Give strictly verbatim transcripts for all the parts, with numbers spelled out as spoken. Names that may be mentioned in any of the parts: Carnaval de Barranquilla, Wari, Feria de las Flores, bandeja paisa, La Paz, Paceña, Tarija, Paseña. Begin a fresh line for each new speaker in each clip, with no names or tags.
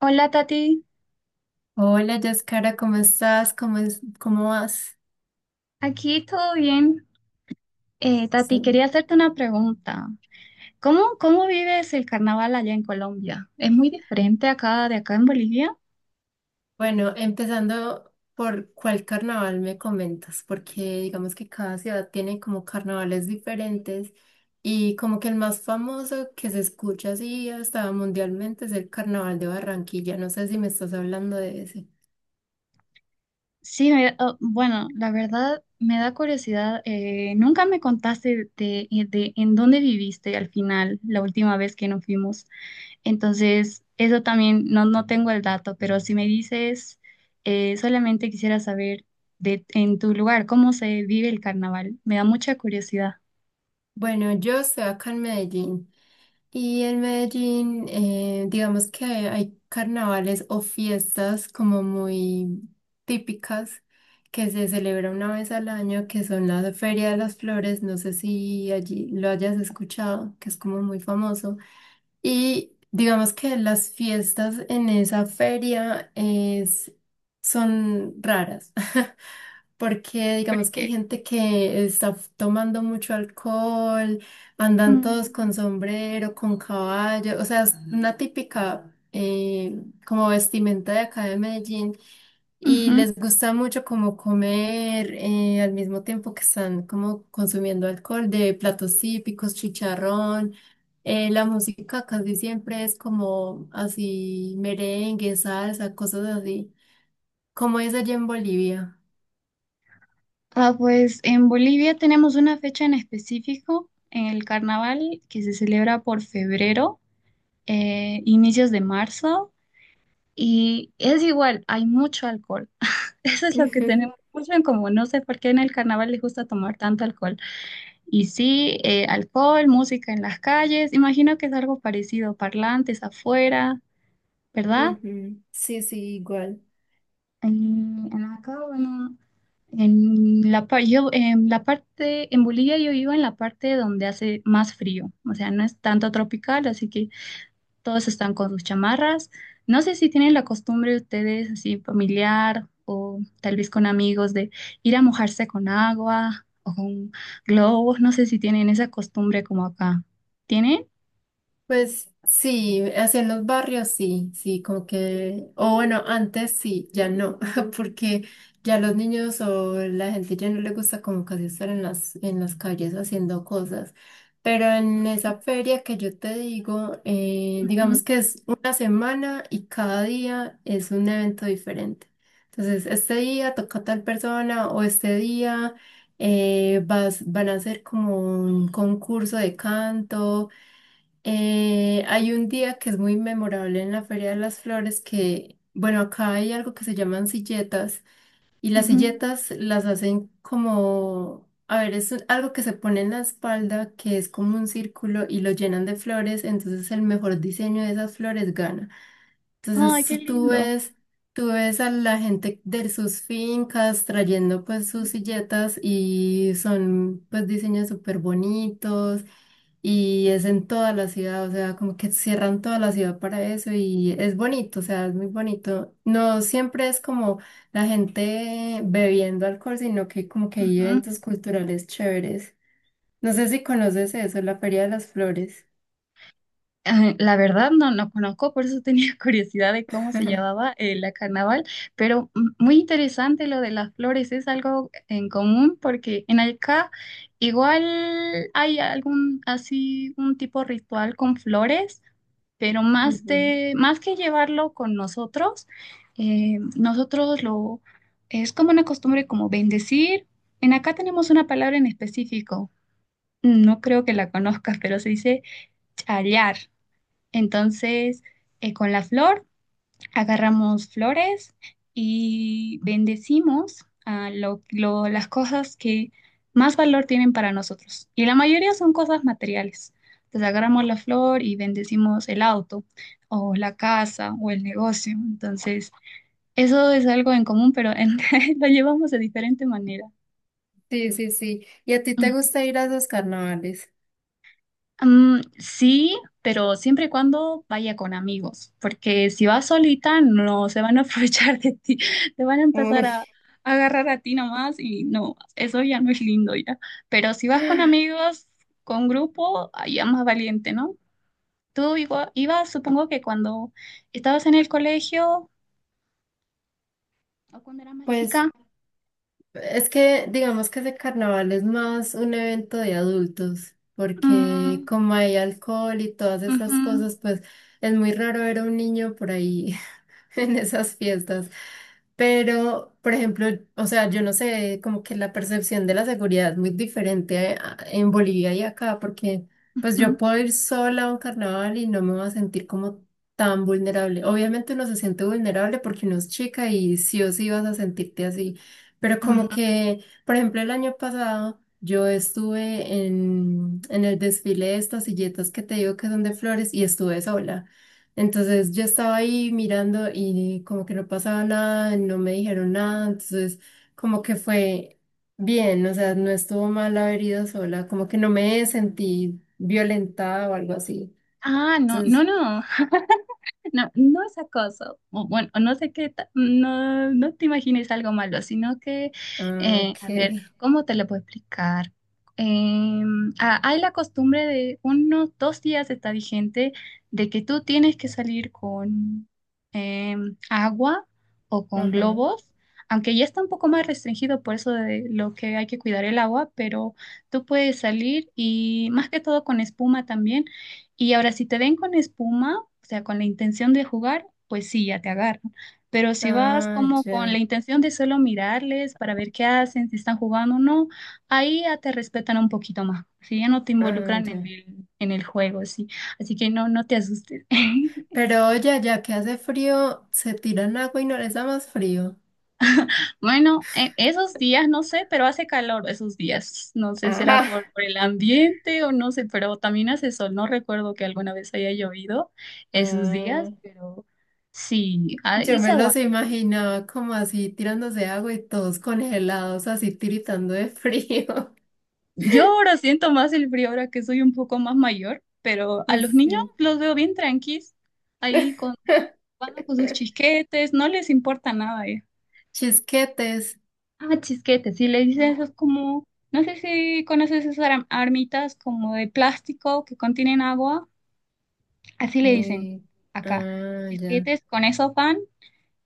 Hola Tati,
Hola, Yaskara, ¿cómo estás? ¿Cómo es, cómo vas?
aquí todo bien. Eh,
Sí.
Tati, quería hacerte una pregunta. ¿Cómo, cómo vives el carnaval allá en Colombia? ¿Es muy diferente acá de acá en Bolivia?
Bueno, empezando por cuál carnaval me comentas, porque digamos que cada ciudad tiene como carnavales diferentes y como que el más famoso que se escucha así hasta mundialmente es el Carnaval de Barranquilla. No sé si me estás hablando de ese.
Sí, me- oh, bueno, la verdad me da curiosidad. Eh, nunca me contaste de, de en dónde viviste al final, la última vez que nos fuimos. Entonces, eso también no, no tengo el dato, pero si me dices, eh, solamente quisiera saber de, en tu lugar cómo se vive el carnaval. Me da mucha curiosidad.
Bueno, yo estoy acá en Medellín. Y en Medellín, eh, digamos que hay carnavales o fiestas como muy típicas que se celebra una vez al año, que son la Feria de las Flores, no sé si allí lo hayas escuchado, que es como muy famoso. Y digamos que las fiestas en esa feria es, son raras. Porque digamos que hay
Porque,
gente que está f- tomando mucho alcohol, andan todos
mm,
con sombrero, con caballo, o sea, es una típica eh, como vestimenta de acá de Medellín y
ujú.
les gusta mucho como comer eh, al mismo tiempo que están como consumiendo alcohol de platos típicos, chicharrón. eh, la música casi siempre es como así merengue, salsa, cosas así. ¿Cómo es allá en Bolivia?
Ah, pues en Bolivia tenemos una fecha en específico, en el carnaval, que se celebra por febrero, eh, inicios de marzo, y es igual, hay mucho alcohol. Eso es lo que tenemos mucho en común. No sé por qué en el carnaval les gusta tomar tanto alcohol. Y sí, eh, alcohol, música en las calles, imagino que es algo parecido, parlantes afuera, ¿verdad?
Ujú. Sí, sí, igual.
Y acá, bueno. En la, par- yo, en la parte, en Bolivia yo vivo en la parte donde hace más frío, o sea, no es tanto tropical, así que todos están con sus chamarras. No sé si tienen la costumbre ustedes, así familiar o tal vez con amigos, de ir a mojarse con agua o con globos, no sé si tienen esa costumbre como acá. ¿Tienen?
Pues sí, hacia en los barrios sí, sí, como que, o bueno, antes sí, ya no, porque ya los niños o la gente ya no le gusta como casi estar en las, en las calles haciendo cosas. Pero en esa feria que yo te digo, eh,
Ujú,
digamos que es una semana y cada día es un evento diferente. Entonces, este día toca tal persona o este día eh, vas, van a hacer como un concurso de canto. Eh, hay un día que es muy memorable en la Feria de las Flores que, bueno, acá hay algo que se llaman silletas y las
ujú.
silletas las hacen como, a ver, es un- algo que se pone en la espalda que es como un círculo y lo llenan de flores, entonces el mejor diseño de esas flores gana.
Ay, qué
Entonces tú
lindo.
ves, tú ves a la gente de sus fincas trayendo pues sus silletas y son pues diseños súper bonitos y es en toda la ciudad, o sea, como que cierran toda la ciudad para eso y es bonito, o sea, es muy bonito. No siempre es como la gente bebiendo alcohol, sino que como que hay
Ujú.
eventos culturales chéveres. No sé si conoces eso, la Feria de las Flores.
Ah, la verdad no, no conozco, por eso tenía curiosidad de cómo se llamaba eh, la carnaval, pero mm, muy interesante lo de las flores, es algo en común porque en acá igual hay algún así un tipo ritual con flores, pero más
Ujú.
de más que llevarlo con nosotros, eh, nosotros lo es como una costumbre como bendecir. En acá tenemos una palabra en específico, no creo que la conozcas, pero se dice chayar. Entonces, eh, con la flor, agarramos flores y bendecimos a lo- lo- las cosas que más valor tienen para nosotros. Y la mayoría son cosas materiales. Entonces, agarramos la flor y bendecimos el auto o la casa o el negocio. Entonces, eso es algo en común, pero en- lo llevamos de diferente manera.
Sí, sí, sí. ¿Y a ti te
Mm.
gusta ir a esos carnavales?
Mm, sí, pero siempre y cuando vaya con amigos, porque si vas solita no se van a aprovechar de ti, te van a empezar
Uy,
a, a agarrar a ti nomás y no, eso ya no es lindo ya. Pero si vas con amigos, con grupo, ah, ya más valiente, ¿no? Tú igua- ibas, supongo que cuando estabas en el colegio o cuando eras más
pues
chica.
es que digamos que ese carnaval es más un evento de adultos, porque
Mm,
como hay alcohol y todas esas
ujú,
cosas, pues es muy raro ver a un niño por ahí en esas fiestas. Pero, por ejemplo, o sea, yo no sé, como que la percepción de la seguridad es muy diferente a- en Bolivia y acá, porque pues yo
ujú,
puedo ir sola a un carnaval y no me voy a sentir como tan vulnerable. Obviamente uno se siente vulnerable porque uno es chica y sí o sí vas a sentirte así, pero como
ujú.
que, por ejemplo, el año pasado yo estuve en, en el desfile de estas silletas que te digo que son de flores y estuve sola. Entonces yo estaba ahí mirando y como que no pasaba nada, no me dijeron nada, entonces como que fue bien, o sea, no estuvo mal haber ido sola, como que no me sentí violentada o algo así.
Ah, no, no,
Entonces,
no. No, no es acoso. O bueno, no sé qué, ta- no, no te imagines algo malo, sino que,
ah,
eh,
ok,
a ver, ¿cómo te lo puedo explicar? Eh, ah, Hay la costumbre de unos dos días está vigente de que tú tienes que salir con eh, agua o con
ajá,
globos, aunque ya está un poco más restringido por eso de lo que hay que cuidar el agua, pero tú puedes salir y más que todo con espuma también. Y ahora, si te ven con espuma o sea, con la intención de jugar, pues sí, ya te agarran. Pero si vas
ah,
como con la
ya,
intención de solo mirarles para ver qué hacen, si están jugando o no, ahí ya te respetan un poquito más. Si ya no te
ah,
involucran en
ya.
el, en el juego, sí. Así que no, no te asustes.
Pero oye, ya que hace frío, se tiran agua y no les da más frío.
Bueno, e- esos días no sé, pero hace calor esos días. No sé, será
Ah,
por, por el ambiente o no sé, pero también hace sol. No recuerdo que alguna vez haya llovido esos días,
ah.
pero sí, ahí
Yo
se
me los
aguanta.
imaginaba como así tirándose agua y todos congelados, así tiritando de frío.
Yo ahora siento más el frío ahora que soy un poco más mayor, pero a los niños
Sí.
los veo bien tranquis, ahí con, jugando con sus chisquetes, no les importa nada. eh.
Chisquetes.
Ah, chisquetes, sí le dicen esos como, no sé si conoces esas ar- armitas como de plástico que contienen agua, así le dicen
Eh,
acá,
ah, ya,
chisquetes con eso van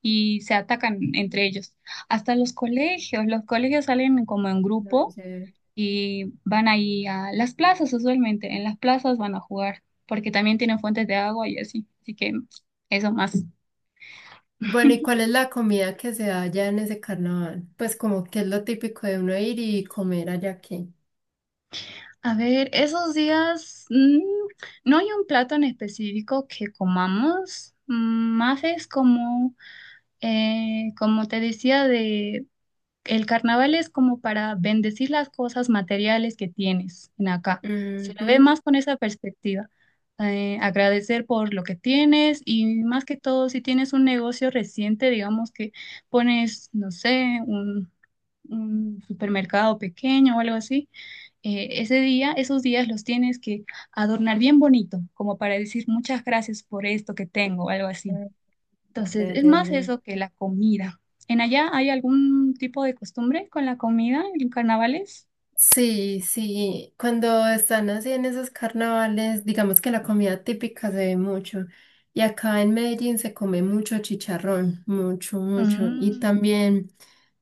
y se atacan entre ellos. Hasta los colegios, los colegios salen como en
no
grupo
sé.
y van ahí a las plazas usualmente, en las plazas van a jugar, porque también tienen fuentes de agua y así, así que eso más.
Bueno, ¿y cuál es la comida que se da allá en ese carnaval? Pues como que es lo típico de uno ir y comer allá aquí.
A ver, esos días mm, no hay un plato en específico que comamos, mm, más es como, eh, como te decía, de, el carnaval es como para bendecir las cosas materiales que tienes en acá. Se lo ve
Ujú.
más con esa perspectiva. Eh, agradecer por lo que tienes y más que todo, si tienes un negocio reciente, digamos que pones, no sé, un, un supermercado pequeño o algo así, eh, ese día, esos días los tienes que adornar bien bonito, como para decir muchas gracias por esto que tengo, o algo así.
Ah,
Entonces,
ya,
es
ya,
más
ya.
eso que la comida. ¿En allá hay algún tipo de costumbre con la comida en carnavales?
Sí, sí, cuando están así en esos carnavales, digamos que la comida típica se ve mucho. Y acá en Medellín se come mucho chicharrón, mucho, mucho. Y
Mm,
también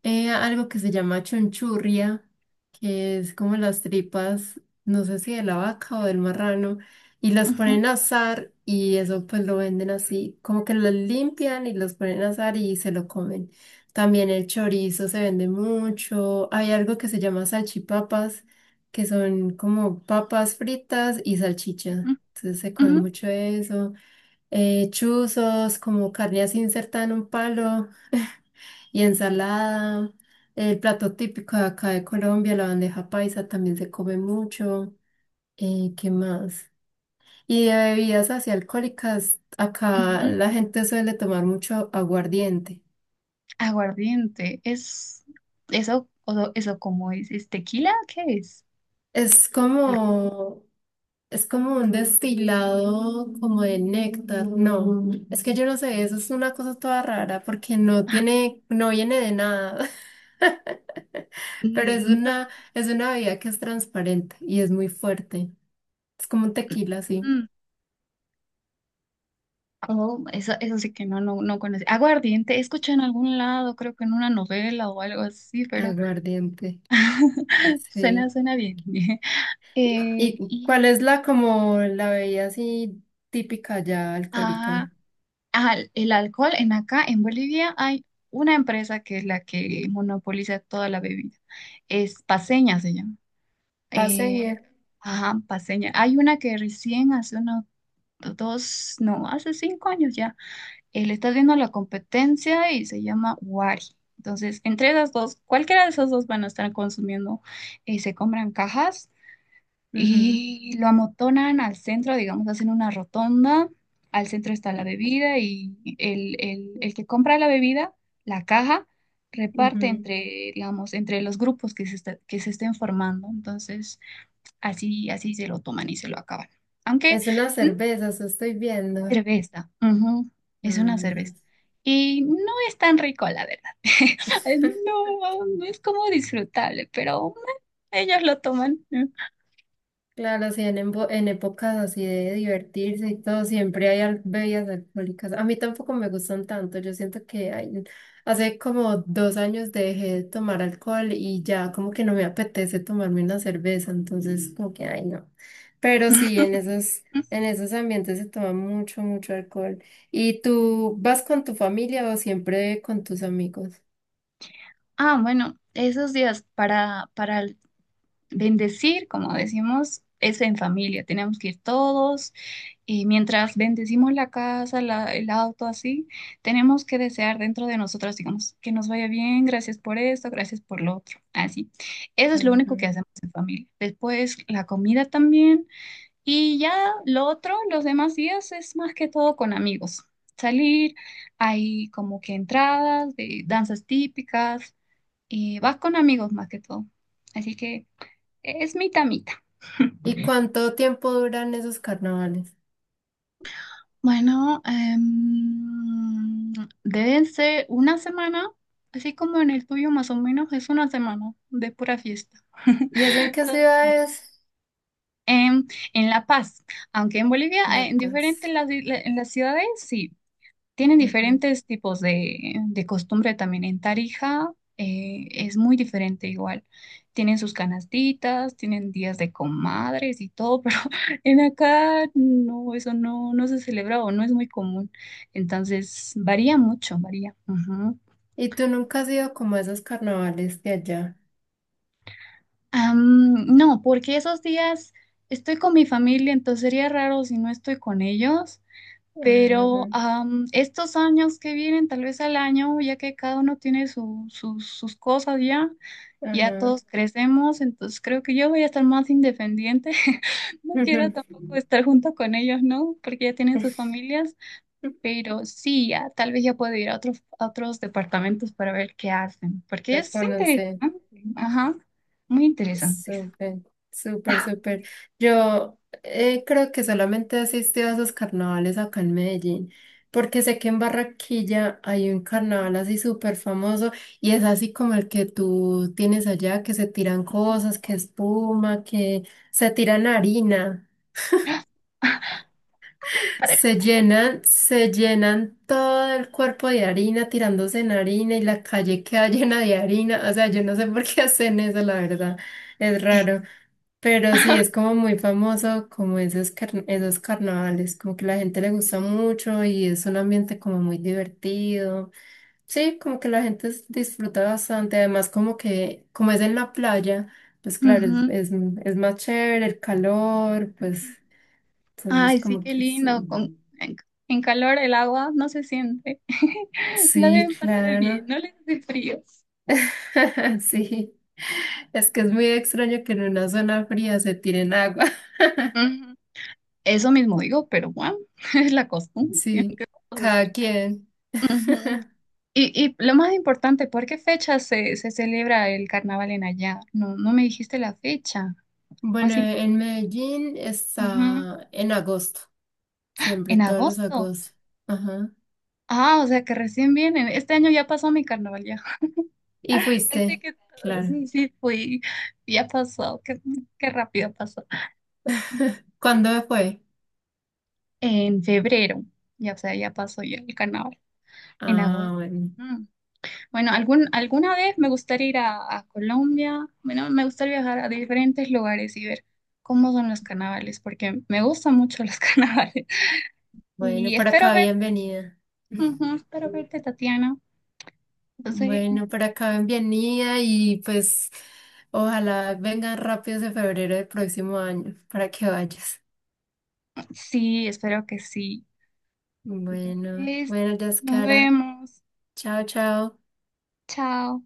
eh, algo que se llama chunchurria, que es como las tripas, no sé si de la vaca o del marrano, y las
ujú,
ponen a asar y eso pues lo venden así, como que los limpian y los ponen a asar y se lo comen. También el chorizo se vende mucho. Hay algo que se llama salchipapas, que son como papas fritas y
ujú,
salchicha. Entonces se come
ujú,
mucho eso. Eh, chuzos, como carne así insertada en un palo y ensalada. El plato típico de acá de Colombia, la bandeja paisa, también se come mucho. Eh, ¿qué más? Y de bebidas así alcohólicas, acá
ujú.
la gente suele tomar mucho aguardiente.
Aguardiente, es eso, o- eso como es, ¿es tequila? ¿Qué es?
Es
Algo-
como, es como un destilado como de néctar. No, es que yo no sé, eso es una cosa toda rara porque no
ah,
tiene, no viene de nada, pero es
mm,
una, es una bebida que es transparente y es muy fuerte. Es como un tequila, sí.
mm, mm. Oh, eso, eso sí que no, no, no conocí. Aguardiente, escuché en algún lado, creo que en una novela o algo así, pero
Aguardiente,
suena,
sí.
suena bien. Eh,
¿Y
y
cuál es la como la bebida así típica ya
ah,
alcohólica?
Ajá, el alcohol en acá, en Bolivia, hay una empresa que es la que monopoliza toda la bebida. Es Paceña, se llama.
Paseña.
Eh, ajá, Paceña. Hay una que recién hace unos dos, no, hace cinco años ya, eh, le está viendo la competencia y se llama Wari. Entonces, entre esas dos, cualquiera de esas dos van a estar consumiendo, eh, se compran cajas
Ujú,
y lo amotonan al centro, digamos, hacen una rotonda, al centro está la bebida y el, el, el que compra la bebida, la caja, reparte
ujú.
entre, digamos, entre los grupos que se, está- que se estén formando. Entonces, así, así se lo toman y se lo acaban. Aunque,
Es una
mm,
cerveza, eso estoy viendo.
cerveza, ujú, es una
Ay.
cerveza. Y no es tan rico, la verdad. No, no es como disfrutable, pero ellos lo toman.
Claro, sí, en, embo- en épocas así de divertirse y todo, siempre hay al- bebidas alcohólicas. A mí tampoco me gustan tanto. Yo siento que hay- hace como dos años dejé de tomar alcohol y ya como que no me apetece tomarme una cerveza, entonces Mm. como que, ay, no. Pero sí, en esos, en esos ambientes se toma mucho, mucho alcohol. ¿Y tú vas con tu familia o siempre con tus amigos?
Ah, bueno, esos días para, para el- bendecir, como decimos, es en familia. Tenemos que ir todos y mientras bendecimos la casa, la- el auto, así, tenemos que desear dentro de nosotros, digamos, que nos vaya bien, gracias por esto, gracias por lo otro, así. Eso es lo único que
Ujú.
hacemos en familia. Después la comida también y ya lo otro, los demás días es más que todo con amigos. Salir, hay como que entradas de danzas típicas. Eh, vas con amigos más que todo. Así que es mitad mitad.
¿Y cuánto tiempo duran esos carnavales?
Bueno, em, deben ser una semana, así como en el tuyo más o menos, es una semana de pura fiesta.
¿Y eso en qué
Todo está
ciudad
bueno.
es?
En, en La Paz, aunque en Bolivia,
La
eh, en diferentes
Paz.
las, isla- en las ciudades, sí. Tienen
Ujú.
diferentes tipos de, de costumbre también. En Tarija eh, es muy diferente igual. Tienen sus canastitas, tienen días de comadres y todo, pero en acá no, eso no, no se celebra o no es muy común. Entonces varía mucho, varía. Ujú.
¿Y tú nunca has ido como a esos carnavales de allá?
Am, no, porque esos días estoy con mi familia, entonces sería raro si no estoy con ellos. Pero
Ujú,
am, estos años que vienen, tal vez al año, ya que cada uno tiene su- sus sus cosas ya, ya
ujú,
todos crecemos, entonces creo que yo voy a estar más independiente. No quiero tampoco estar junto con ellos, ¿no? Porque ya tienen sus
ujú.
familias, pero sí, ya, tal vez ya puedo ir a otros, a otros departamentos para ver qué hacen, porque
Me
es interesante,
conocí.
ajá, muy interesante.
Súper, súper, súper. Yo eh, creo que solamente asistí a esos carnavales acá en Medellín, porque sé que en Barranquilla hay un
Ujú.
carnaval así súper famoso y es así como el que tú tienes allá, que se tiran cosas, que espuma, que se tiran harina,
Parejo.
se llenan, se llenan todo el cuerpo de harina, tirándose en harina y la calle queda llena de harina. O sea, yo no sé por qué hacen eso, la verdad, es
Eh,
raro. Pero sí, es como muy famoso como esos, car- esos carnavales, como que la gente le gusta mucho y es un ambiente como muy divertido. Sí, como que la gente s- disfruta bastante, además como que, como es en la playa, pues claro, es, es, es más chévere el calor, pues
ujú.
entonces
Ay, sí,
como
qué
que
lindo. Con,
sí.
en, en calor el agua no se siente. La
Sí,
deben pasar bien,
claro.
no les hace frío.
Sí, es que es muy extraño que en una zona fría se tiren agua.
Ujú. Eso mismo digo, pero bueno, es la costumbre.
Sí,
¿qué cosas?
cada quien.
Ujú. Y, y lo más importante, ¿por qué fecha se, se celebra el carnaval en allá? No, no me dijiste la fecha.
Bueno,
Más im-
en Medellín
ujú.
está en agosto, siempre,
En
todos los
agosto.
agostos. Ajá.
Ah, o sea que recién vienen. Este año ya pasó mi carnaval ya.
¿Y
Pensé
fuiste?
que
Claro.
sí, sí, fui. Ya pasó. Qué, qué rápido pasó.
¿Cuándo fue?
En febrero, ya, o sea, ya pasó ya el carnaval, en
Ah,
agosto.
bueno.
Mm. Bueno, algún, alguna vez me gustaría ir a, a Colombia, bueno, me gustaría viajar a diferentes lugares y ver cómo son los carnavales, porque me gustan mucho los carnavales.
Bueno,
Y
por
espero
acá
verte,
bienvenida.
ujú, espero verte, Tatiana. Entonces,
Bueno, por acá bienvenida y pues ojalá vengan rápido ese febrero del próximo año para que vayas.
sí, espero que sí.
Bueno,
Es-
bueno,
nos
Yaskara.
vemos,
Chao, chao.
chao.